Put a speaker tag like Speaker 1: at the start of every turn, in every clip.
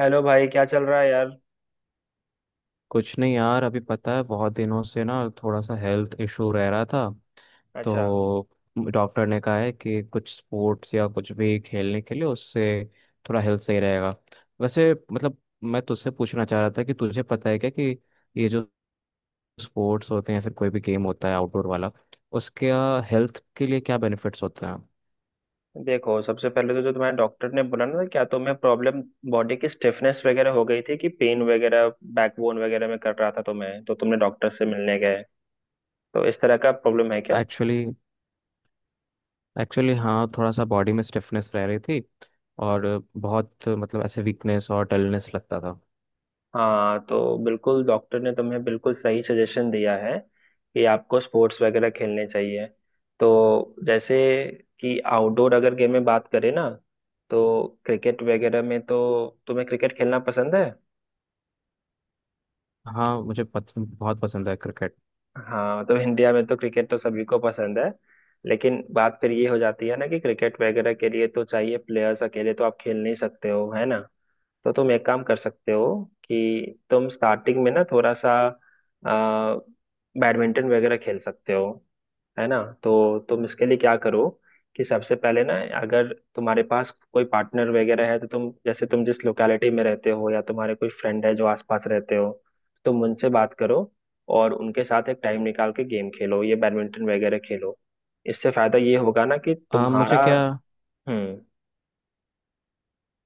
Speaker 1: Hello भाई, क्या चल रहा है यार?
Speaker 2: कुछ नहीं यार, अभी पता है बहुत दिनों से ना थोड़ा सा हेल्थ इशू रह रहा था।
Speaker 1: अच्छा।
Speaker 2: तो डॉक्टर ने कहा है कि कुछ स्पोर्ट्स या कुछ भी खेलने के लिए उससे थोड़ा हेल्थ सही रहेगा। वैसे मतलब मैं तुझसे पूछना चाह रहा था कि तुझे पता है क्या कि ये जो स्पोर्ट्स होते हैं या फिर कोई भी गेम होता है आउटडोर वाला, उसके हेल्थ के लिए क्या बेनिफिट्स होते हैं।
Speaker 1: देखो, सबसे पहले तो जो तुम्हारे डॉक्टर ने बोला ना, क्या तुम्हें प्रॉब्लम बॉडी की स्टिफनेस वगैरह हो गई थी कि पेन वगैरह बैकबोन वगैरह में कर रहा था तुम्हें, तो तुमने डॉक्टर से मिलने गए, तो इस तरह का प्रॉब्लम है क्या?
Speaker 2: एक्चुअली एक्चुअली हाँ, थोड़ा सा बॉडी में स्टिफनेस रह रही थी, और बहुत मतलब ऐसे वीकनेस और डलनेस लगता था।
Speaker 1: हाँ तो बिल्कुल डॉक्टर ने तुम्हें बिल्कुल सही सजेशन दिया है कि आपको स्पोर्ट्स वगैरह खेलने चाहिए। तो जैसे कि आउटडोर अगर गेम में बात करें ना, तो क्रिकेट वगैरह में, तो तुम्हें क्रिकेट खेलना पसंद है।
Speaker 2: हाँ मुझे बहुत पसंद है क्रिकेट।
Speaker 1: हाँ मतलब इंडिया में तो क्रिकेट तो सभी को पसंद है। लेकिन बात फिर ये हो जाती है ना कि क्रिकेट वगैरह के लिए तो चाहिए प्लेयर्स, अकेले तो आप खेल नहीं सकते हो, है ना। तो तुम एक काम कर सकते हो कि तुम स्टार्टिंग में ना थोड़ा सा आ, बैडमिंटन वगैरह खेल सकते हो। है ना। तो तुम इसके लिए क्या करो कि सबसे पहले ना अगर तुम्हारे पास कोई पार्टनर वगैरह है तो तुम जैसे तुम जिस लोकेलिटी में रहते हो या तुम्हारे कोई फ्रेंड है जो आसपास रहते हो, तुम उनसे बात करो और उनके साथ एक टाइम निकाल के गेम खेलो, ये बैडमिंटन वगैरह खेलो। इससे फायदा ये होगा ना कि तुम्हारा।
Speaker 2: मुझे क्या,
Speaker 1: हम्म।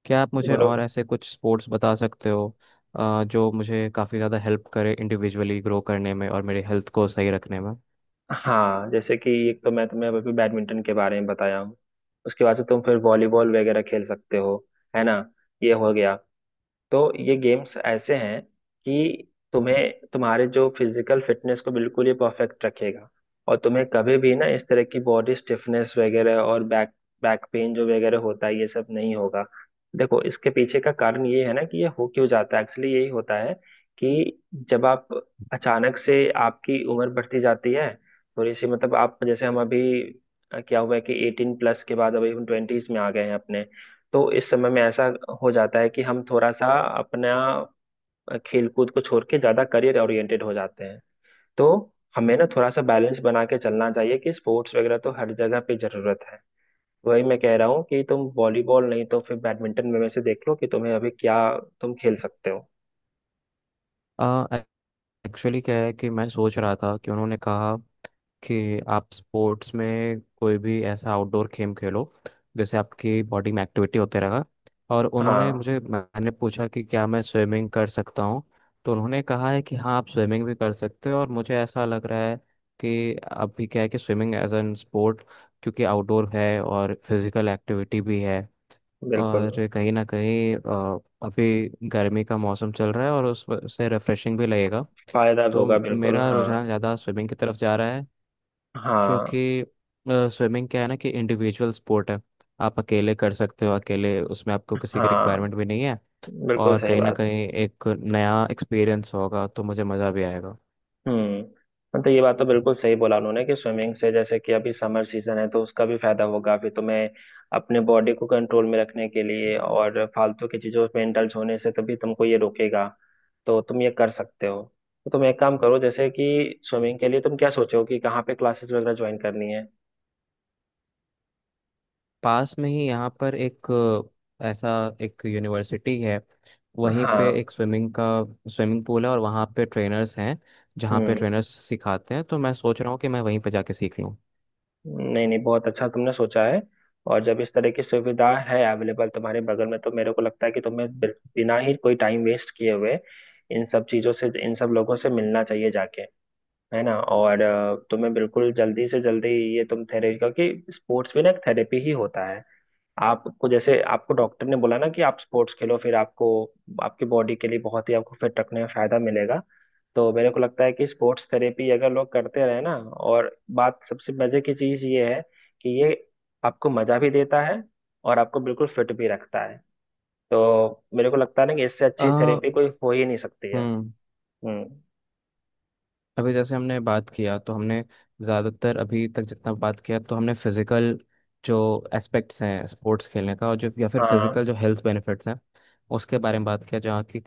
Speaker 2: क्या आप मुझे
Speaker 1: बोलो।
Speaker 2: और ऐसे कुछ स्पोर्ट्स बता सकते हो जो मुझे काफ़ी ज़्यादा हेल्प करे इंडिविजुअली ग्रो करने में और मेरे हेल्थ को सही रखने में।
Speaker 1: हाँ, जैसे कि एक तो मैं तुम्हें अभी बैडमिंटन के बारे में बताया हूँ। उसके बाद से तुम फिर वॉलीबॉल वगैरह खेल सकते हो, है ना। ये हो गया। तो ये गेम्स ऐसे हैं कि तुम्हें तुम्हारे जो फिजिकल फिटनेस को बिल्कुल ये परफेक्ट रखेगा, और तुम्हें कभी भी ना इस तरह की बॉडी स्टिफनेस वगैरह और बैक बैक पेन जो वगैरह होता है ये सब नहीं होगा। देखो, इसके पीछे का कारण ये है ना कि ये हो क्यों जाता है, एक्चुअली यही होता है कि जब आप अचानक से आपकी उम्र बढ़ती जाती है, थोड़ी सी मतलब, आप जैसे हम अभी क्या हुआ है कि 18+ के बाद अभी हम 20s में आ गए हैं अपने। तो इस समय में ऐसा हो जाता है कि हम थोड़ा सा अपना खेलकूद को छोड़ के ज्यादा करियर ओरिएंटेड हो जाते हैं। तो हमें ना थोड़ा सा बैलेंस बना के चलना चाहिए कि स्पोर्ट्स वगैरह तो हर जगह पे जरूरत है। वही मैं कह रहा हूँ कि तुम वॉलीबॉल नहीं तो फिर बैडमिंटन में से देख लो कि तुम्हें अभी क्या, तुम खेल सकते हो।
Speaker 2: एक्चुअली क्या है कि मैं सोच रहा था कि उन्होंने कहा कि आप स्पोर्ट्स में कोई भी ऐसा आउटडोर गेम खेलो जैसे आपकी बॉडी में एक्टिविटी होते रहा। और उन्होंने
Speaker 1: हाँ।
Speaker 2: मुझे मैंने पूछा कि क्या मैं स्विमिंग कर सकता हूँ। तो उन्होंने कहा है कि हाँ आप स्विमिंग भी कर सकते हो, और मुझे ऐसा लग रहा है कि अभी क्या है कि स्विमिंग एज एन स्पोर्ट, क्योंकि आउटडोर है और फिजिकल एक्टिविटी भी है।
Speaker 1: बिल्कुल।
Speaker 2: और कहीं ना कहीं अभी गर्मी का मौसम चल रहा है और उस उससे रिफ्रेशिंग भी लगेगा।
Speaker 1: फायदा भी
Speaker 2: तो
Speaker 1: होगा, बिल्कुल
Speaker 2: मेरा
Speaker 1: हाँ।
Speaker 2: रुझान ज़्यादा स्विमिंग की तरफ जा रहा है,
Speaker 1: हाँ।
Speaker 2: क्योंकि स्विमिंग क्या है ना कि इंडिविजुअल स्पोर्ट है। आप अकेले कर सकते हो, अकेले उसमें आपको किसी की
Speaker 1: हाँ,
Speaker 2: रिक्वायरमेंट भी नहीं है।
Speaker 1: बिल्कुल
Speaker 2: और
Speaker 1: सही
Speaker 2: कहीं ना
Speaker 1: बात है।
Speaker 2: कहीं एक नया एक्सपीरियंस होगा तो मुझे मज़ा भी आएगा।
Speaker 1: हम्म। मतलब ये बात तो बिल्कुल सही बोला उन्होंने कि स्विमिंग से, जैसे कि अभी समर सीजन है तो उसका भी फायदा होगा अभी तुम्हें, अपने बॉडी को कंट्रोल में रखने के लिए और फालतू की चीजों में इंडल्ज होने से तभी तुमको ये रोकेगा। तो तुम ये कर सकते हो। तो तुम एक काम करो, जैसे कि स्विमिंग के लिए तुम क्या सोचो कि कहाँ पे क्लासेस वगैरह ज्वाइन करनी है।
Speaker 2: पास में ही यहाँ पर एक ऐसा एक यूनिवर्सिटी है, वहीं पे
Speaker 1: हाँ।
Speaker 2: एक स्विमिंग पूल है और वहाँ पे ट्रेनर्स हैं, जहाँ पे
Speaker 1: हम्म।
Speaker 2: ट्रेनर्स सिखाते हैं। तो मैं सोच रहा हूँ कि मैं वहीं पे जाके सीख लूँ।
Speaker 1: नहीं नहीं, बहुत अच्छा तुमने सोचा है। और जब इस तरह की सुविधा है अवेलेबल तुम्हारे बगल में, तो मेरे को लगता है कि तुम्हें बिना ही कोई टाइम वेस्ट किए हुए इन सब चीजों से, इन सब लोगों से मिलना चाहिए जाके। है ना। और तुम्हें बिल्कुल जल्दी से जल्दी ये तुम थेरेपी, क्योंकि स्पोर्ट्स भी ना एक थेरेपी ही होता है। आपको जैसे आपको डॉक्टर ने बोला ना कि आप स्पोर्ट्स खेलो, फिर आपको आपकी बॉडी के लिए बहुत ही आपको फिट रखने में फायदा मिलेगा। तो मेरे को लगता है कि स्पोर्ट्स थेरेपी अगर लोग करते रहे ना, और बात सबसे मजे की चीज ये है कि ये आपको मजा भी देता है और आपको बिल्कुल फिट भी रखता है। तो मेरे को लगता है ना कि इससे
Speaker 2: अ,
Speaker 1: अच्छी थेरेपी कोई हो ही नहीं सकती है।
Speaker 2: हम्म।
Speaker 1: हम्म।
Speaker 2: अभी जैसे हमने बात किया, तो हमने ज़्यादातर अभी तक जितना बात किया तो हमने फिज़िकल जो एस्पेक्ट्स हैं स्पोर्ट्स खेलने का, और जो या फिर
Speaker 1: हाँ,
Speaker 2: फिज़िकल जो हेल्थ बेनिफिट्स हैं उसके बारे में बात किया, जहाँ की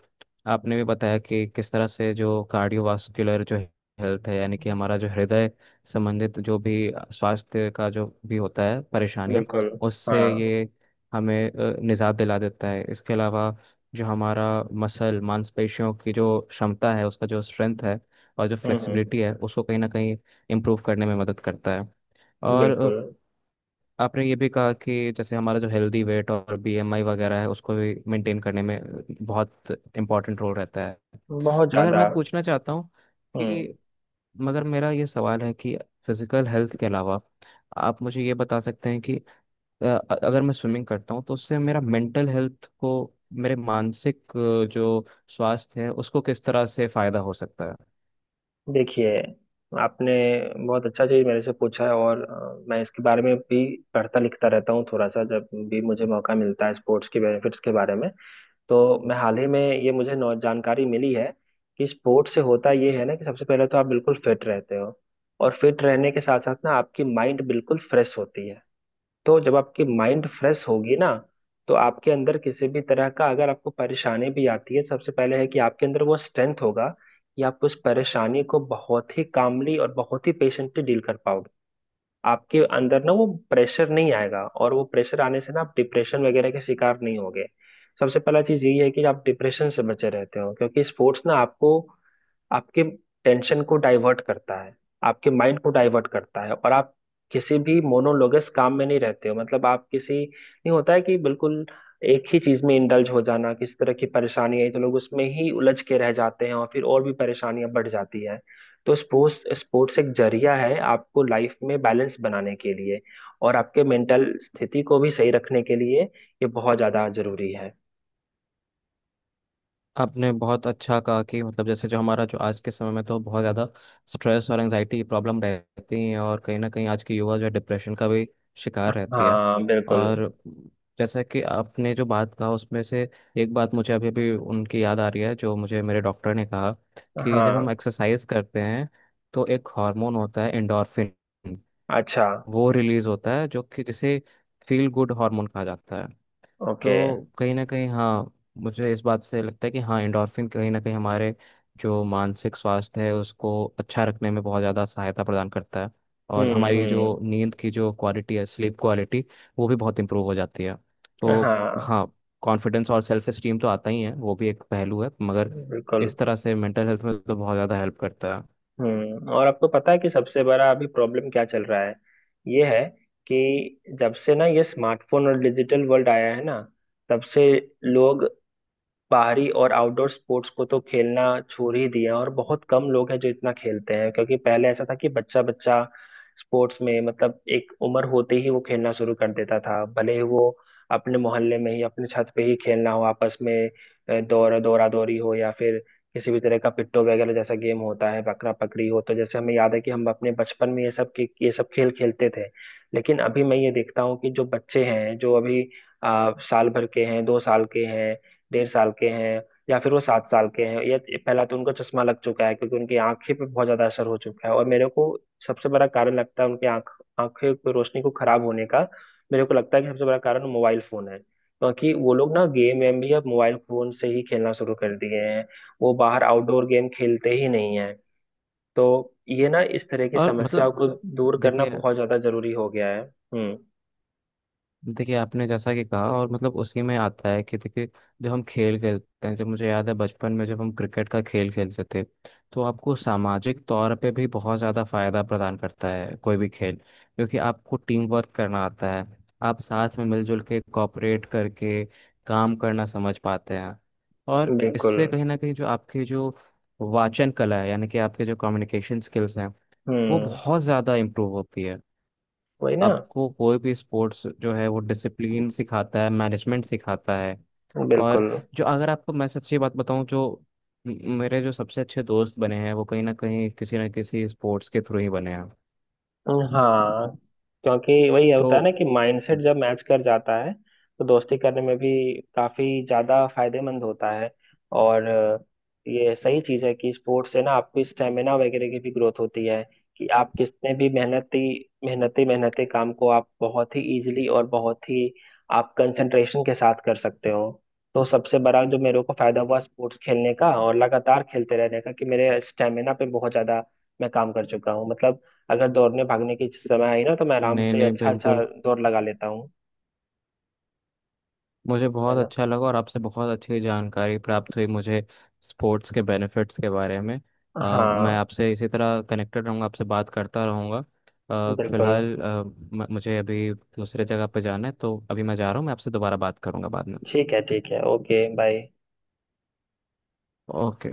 Speaker 2: आपने भी बताया कि किस तरह से जो कार्डियोवास्कुलर जो हेल्थ है, यानी कि हमारा जो हृदय संबंधित जो भी स्वास्थ्य का जो भी होता है परेशानियाँ,
Speaker 1: बिल्कुल।
Speaker 2: उससे
Speaker 1: हाँ।
Speaker 2: ये हमें निजात दिला देता है। इसके अलावा जो हमारा मसल मांसपेशियों की जो क्षमता है, उसका जो स्ट्रेंथ है और जो
Speaker 1: हम्म हम्म,
Speaker 2: फ्लेक्सिबिलिटी है उसको कहीं ना कहीं इम्प्रूव करने में मदद करता है। और
Speaker 1: बिल्कुल।
Speaker 2: आपने ये भी कहा कि जैसे हमारा जो हेल्दी वेट और बीएमआई वगैरह है उसको भी मेंटेन करने में बहुत इम्पोर्टेंट रोल रहता है।
Speaker 1: बहुत
Speaker 2: मगर
Speaker 1: ज्यादा।
Speaker 2: मैं पूछना चाहता हूँ
Speaker 1: हम्म।
Speaker 2: कि, मगर मेरा ये सवाल है कि फिजिकल हेल्थ के अलावा आप मुझे ये बता सकते हैं कि अ, अगर मैं स्विमिंग करता हूँ तो उससे मेरा मेंटल हेल्थ को, मेरे मानसिक जो स्वास्थ्य है उसको किस तरह से फायदा हो सकता है।
Speaker 1: देखिए, आपने बहुत अच्छा चीज मेरे से पूछा है, और मैं इसके बारे में भी पढ़ता लिखता रहता हूँ थोड़ा सा, जब भी मुझे मौका मिलता है स्पोर्ट्स के बेनिफिट्स के बारे में। तो मैं हाल ही में ये मुझे जानकारी मिली है कि स्पोर्ट्स से होता ये है ना कि सबसे पहले तो आप बिल्कुल फिट रहते हो, और फिट रहने के साथ साथ ना आपकी माइंड बिल्कुल फ्रेश होती है। तो जब आपकी माइंड फ्रेश होगी ना, तो आपके अंदर किसी भी तरह का अगर आपको परेशानी भी आती है, सबसे पहले है कि आपके अंदर वो स्ट्रेंथ होगा कि आप उस परेशानी को बहुत ही कामली और बहुत ही पेशेंटली डील कर पाओगे। आपके अंदर ना वो प्रेशर नहीं आएगा, और वो प्रेशर आने से ना आप डिप्रेशन वगैरह के शिकार नहीं होगे। सबसे पहला चीज यही है कि आप डिप्रेशन से बचे रहते हो, क्योंकि स्पोर्ट्स ना आपको आपके टेंशन को डाइवर्ट करता है, आपके माइंड को डाइवर्ट करता है, और आप किसी भी मोनोलोगस काम में नहीं रहते हो। मतलब आप किसी, नहीं होता है कि बिल्कुल एक ही चीज में इंडल्ज हो जाना, किसी तरह की परेशानी है तो लोग उसमें ही उलझ के रह जाते हैं और फिर और भी परेशानियां बढ़ जाती हैं। तो स्पोर्ट्स स्पोर्ट्स एक जरिया है आपको लाइफ में बैलेंस बनाने के लिए, और आपके मेंटल स्थिति को भी सही रखने के लिए, ये बहुत ज्यादा जरूरी है।
Speaker 2: आपने बहुत अच्छा कहा कि मतलब जैसे जो हमारा जो आज के समय में तो बहुत ज़्यादा स्ट्रेस और एंजाइटी की प्रॉब्लम रहती है, और कहीं ना कहीं आज की युवा जो है डिप्रेशन का भी शिकार रहती है।
Speaker 1: हाँ बिल्कुल।
Speaker 2: और जैसा कि आपने जो बात कहा उसमें से एक बात मुझे अभी भी उनकी याद आ रही है जो मुझे मेरे डॉक्टर ने कहा कि जब हम
Speaker 1: हाँ।
Speaker 2: एक्सरसाइज करते हैं तो एक हार्मोन होता है एंडोर्फिन,
Speaker 1: अच्छा।
Speaker 2: वो रिलीज होता है, जो कि जिसे फील गुड हार्मोन कहा जाता है। तो
Speaker 1: ओके।
Speaker 2: कहीं ना कहीं हाँ, मुझे इस बात से लगता है कि हाँ एंडोर्फिन कहीं ना कहीं हमारे जो मानसिक स्वास्थ्य है उसको अच्छा रखने में बहुत ज़्यादा सहायता प्रदान करता है। और
Speaker 1: हम्म।
Speaker 2: हमारी
Speaker 1: हम्म।
Speaker 2: जो नींद की जो क्वालिटी है, स्लीप क्वालिटी, वो भी बहुत इंप्रूव हो जाती है। तो
Speaker 1: हाँ।
Speaker 2: हाँ, कॉन्फिडेंस और सेल्फ एस्टीम तो आता ही है, वो भी एक पहलू है। मगर
Speaker 1: बिल्कुल।
Speaker 2: इस तरह से मेंटल हेल्थ में तो बहुत ज़्यादा हेल्प करता है।
Speaker 1: हम्म। और आपको पता है कि सबसे बड़ा अभी प्रॉब्लम क्या चल रहा है? ये है कि जब से ना ये स्मार्टफोन और डिजिटल वर्ल्ड आया है ना, तब से लोग बाहरी और आउटडोर स्पोर्ट्स को तो खेलना छोड़ ही दिया, और बहुत कम लोग हैं जो इतना खेलते हैं, क्योंकि पहले ऐसा था कि बच्चा बच्चा स्पोर्ट्स में, मतलब एक उम्र होते ही वो खेलना शुरू कर देता था, भले ही वो अपने मोहल्ले में ही, अपने छत पे ही खेलना हो आपस में। दौड़ दौरा दौरी हो या फिर किसी भी तरह का पिट्टो वगैरह जैसा गेम होता है, पकड़ा पकड़ी हो, तो जैसे हमें याद है कि हम अपने बचपन में ये सब ये सब खेल खेलते थे। लेकिन अभी मैं ये देखता हूँ कि जो बच्चे हैं जो अभी साल भर के हैं, 2 साल के हैं, 1.5 साल के हैं, या फिर वो 7 साल के हैं, या पहला तो उनका चश्मा लग चुका है, क्योंकि उनकी आंखें पे बहुत ज्यादा असर हो चुका है, और मेरे को सबसे बड़ा कारण लगता है उनकी आंखें की रोशनी को खराब होने का। मेरे को लगता है कि सबसे बड़ा कारण मोबाइल फोन है, क्योंकि वो लोग ना गेम वेम भी अब मोबाइल फोन से ही खेलना शुरू कर दिए हैं। वो बाहर आउटडोर गेम खेलते ही नहीं है। तो ये ना इस तरह की
Speaker 2: और
Speaker 1: समस्याओं
Speaker 2: मतलब
Speaker 1: को दूर करना
Speaker 2: देखिए,
Speaker 1: बहुत ज्यादा जरूरी हो गया है। हम्म।
Speaker 2: देखिए आपने जैसा कि कहा, और मतलब उसी में आता है कि देखिए जब हम खेल खेलते हैं, जब मुझे याद है बचपन में जब हम क्रिकेट का खेल खेलते थे, तो आपको सामाजिक तौर पे भी बहुत ज़्यादा फायदा प्रदान करता है कोई भी खेल, क्योंकि आपको टीम वर्क करना आता है। आप साथ में मिलजुल के कॉपरेट करके काम करना समझ पाते हैं। और
Speaker 1: बिल्कुल।
Speaker 2: इससे कहीं ना कहीं जो आपकी जो वाचन कला है, यानी कि आपके जो कम्युनिकेशन स्किल्स हैं, वो
Speaker 1: हम्म।
Speaker 2: बहुत ज़्यादा इम्प्रूव होती है।
Speaker 1: वही ना।
Speaker 2: आपको कोई भी स्पोर्ट्स जो है वो डिसिप्लिन सिखाता है, मैनेजमेंट सिखाता है। और
Speaker 1: बिल्कुल।
Speaker 2: जो, अगर आपको मैं सच्ची बात बताऊं, जो मेरे जो सबसे अच्छे दोस्त बने हैं वो कहीं ना कहीं किसी ना किसी स्पोर्ट्स के थ्रू ही बने हैं।
Speaker 1: हाँ, क्योंकि वही
Speaker 2: तो
Speaker 1: होता है ना कि माइंडसेट जब मैच कर जाता है, तो दोस्ती करने में भी काफी ज्यादा फायदेमंद होता है। और ये सही चीज है कि स्पोर्ट्स से ना आपकी स्टेमिना वगैरह की भी ग्रोथ होती है, कि आप कितने भी मेहनती मेहनती मेहनती काम को आप बहुत ही इजीली और बहुत ही आप कंसंट्रेशन के साथ कर सकते हो। तो सबसे बड़ा जो मेरे को फायदा हुआ स्पोर्ट्स खेलने का और लगातार खेलते रहने का, कि मेरे स्टेमिना पे बहुत ज्यादा मैं काम कर चुका हूँ, मतलब अगर दौड़ने भागने की समय आई ना, तो मैं आराम
Speaker 2: नहीं
Speaker 1: से
Speaker 2: नहीं,
Speaker 1: अच्छा अच्छा
Speaker 2: बिल्कुल
Speaker 1: दौड़ लगा लेता हूँ।
Speaker 2: मुझे
Speaker 1: है
Speaker 2: बहुत
Speaker 1: ना।
Speaker 2: अच्छा लगा और आपसे बहुत अच्छी जानकारी प्राप्त हुई मुझे स्पोर्ट्स के बेनिफिट्स के बारे में। मैं
Speaker 1: हाँ
Speaker 2: आपसे इसी तरह कनेक्टेड रहूँगा, आपसे बात करता रहूँगा।
Speaker 1: बिल्कुल।
Speaker 2: फिलहाल मुझे अभी दूसरे जगह पे जाना है, तो अभी मैं जा रहा हूँ, मैं आपसे दोबारा बात करूँगा बाद में।
Speaker 1: ठीक है ठीक है। Okay, bye.
Speaker 2: ओके।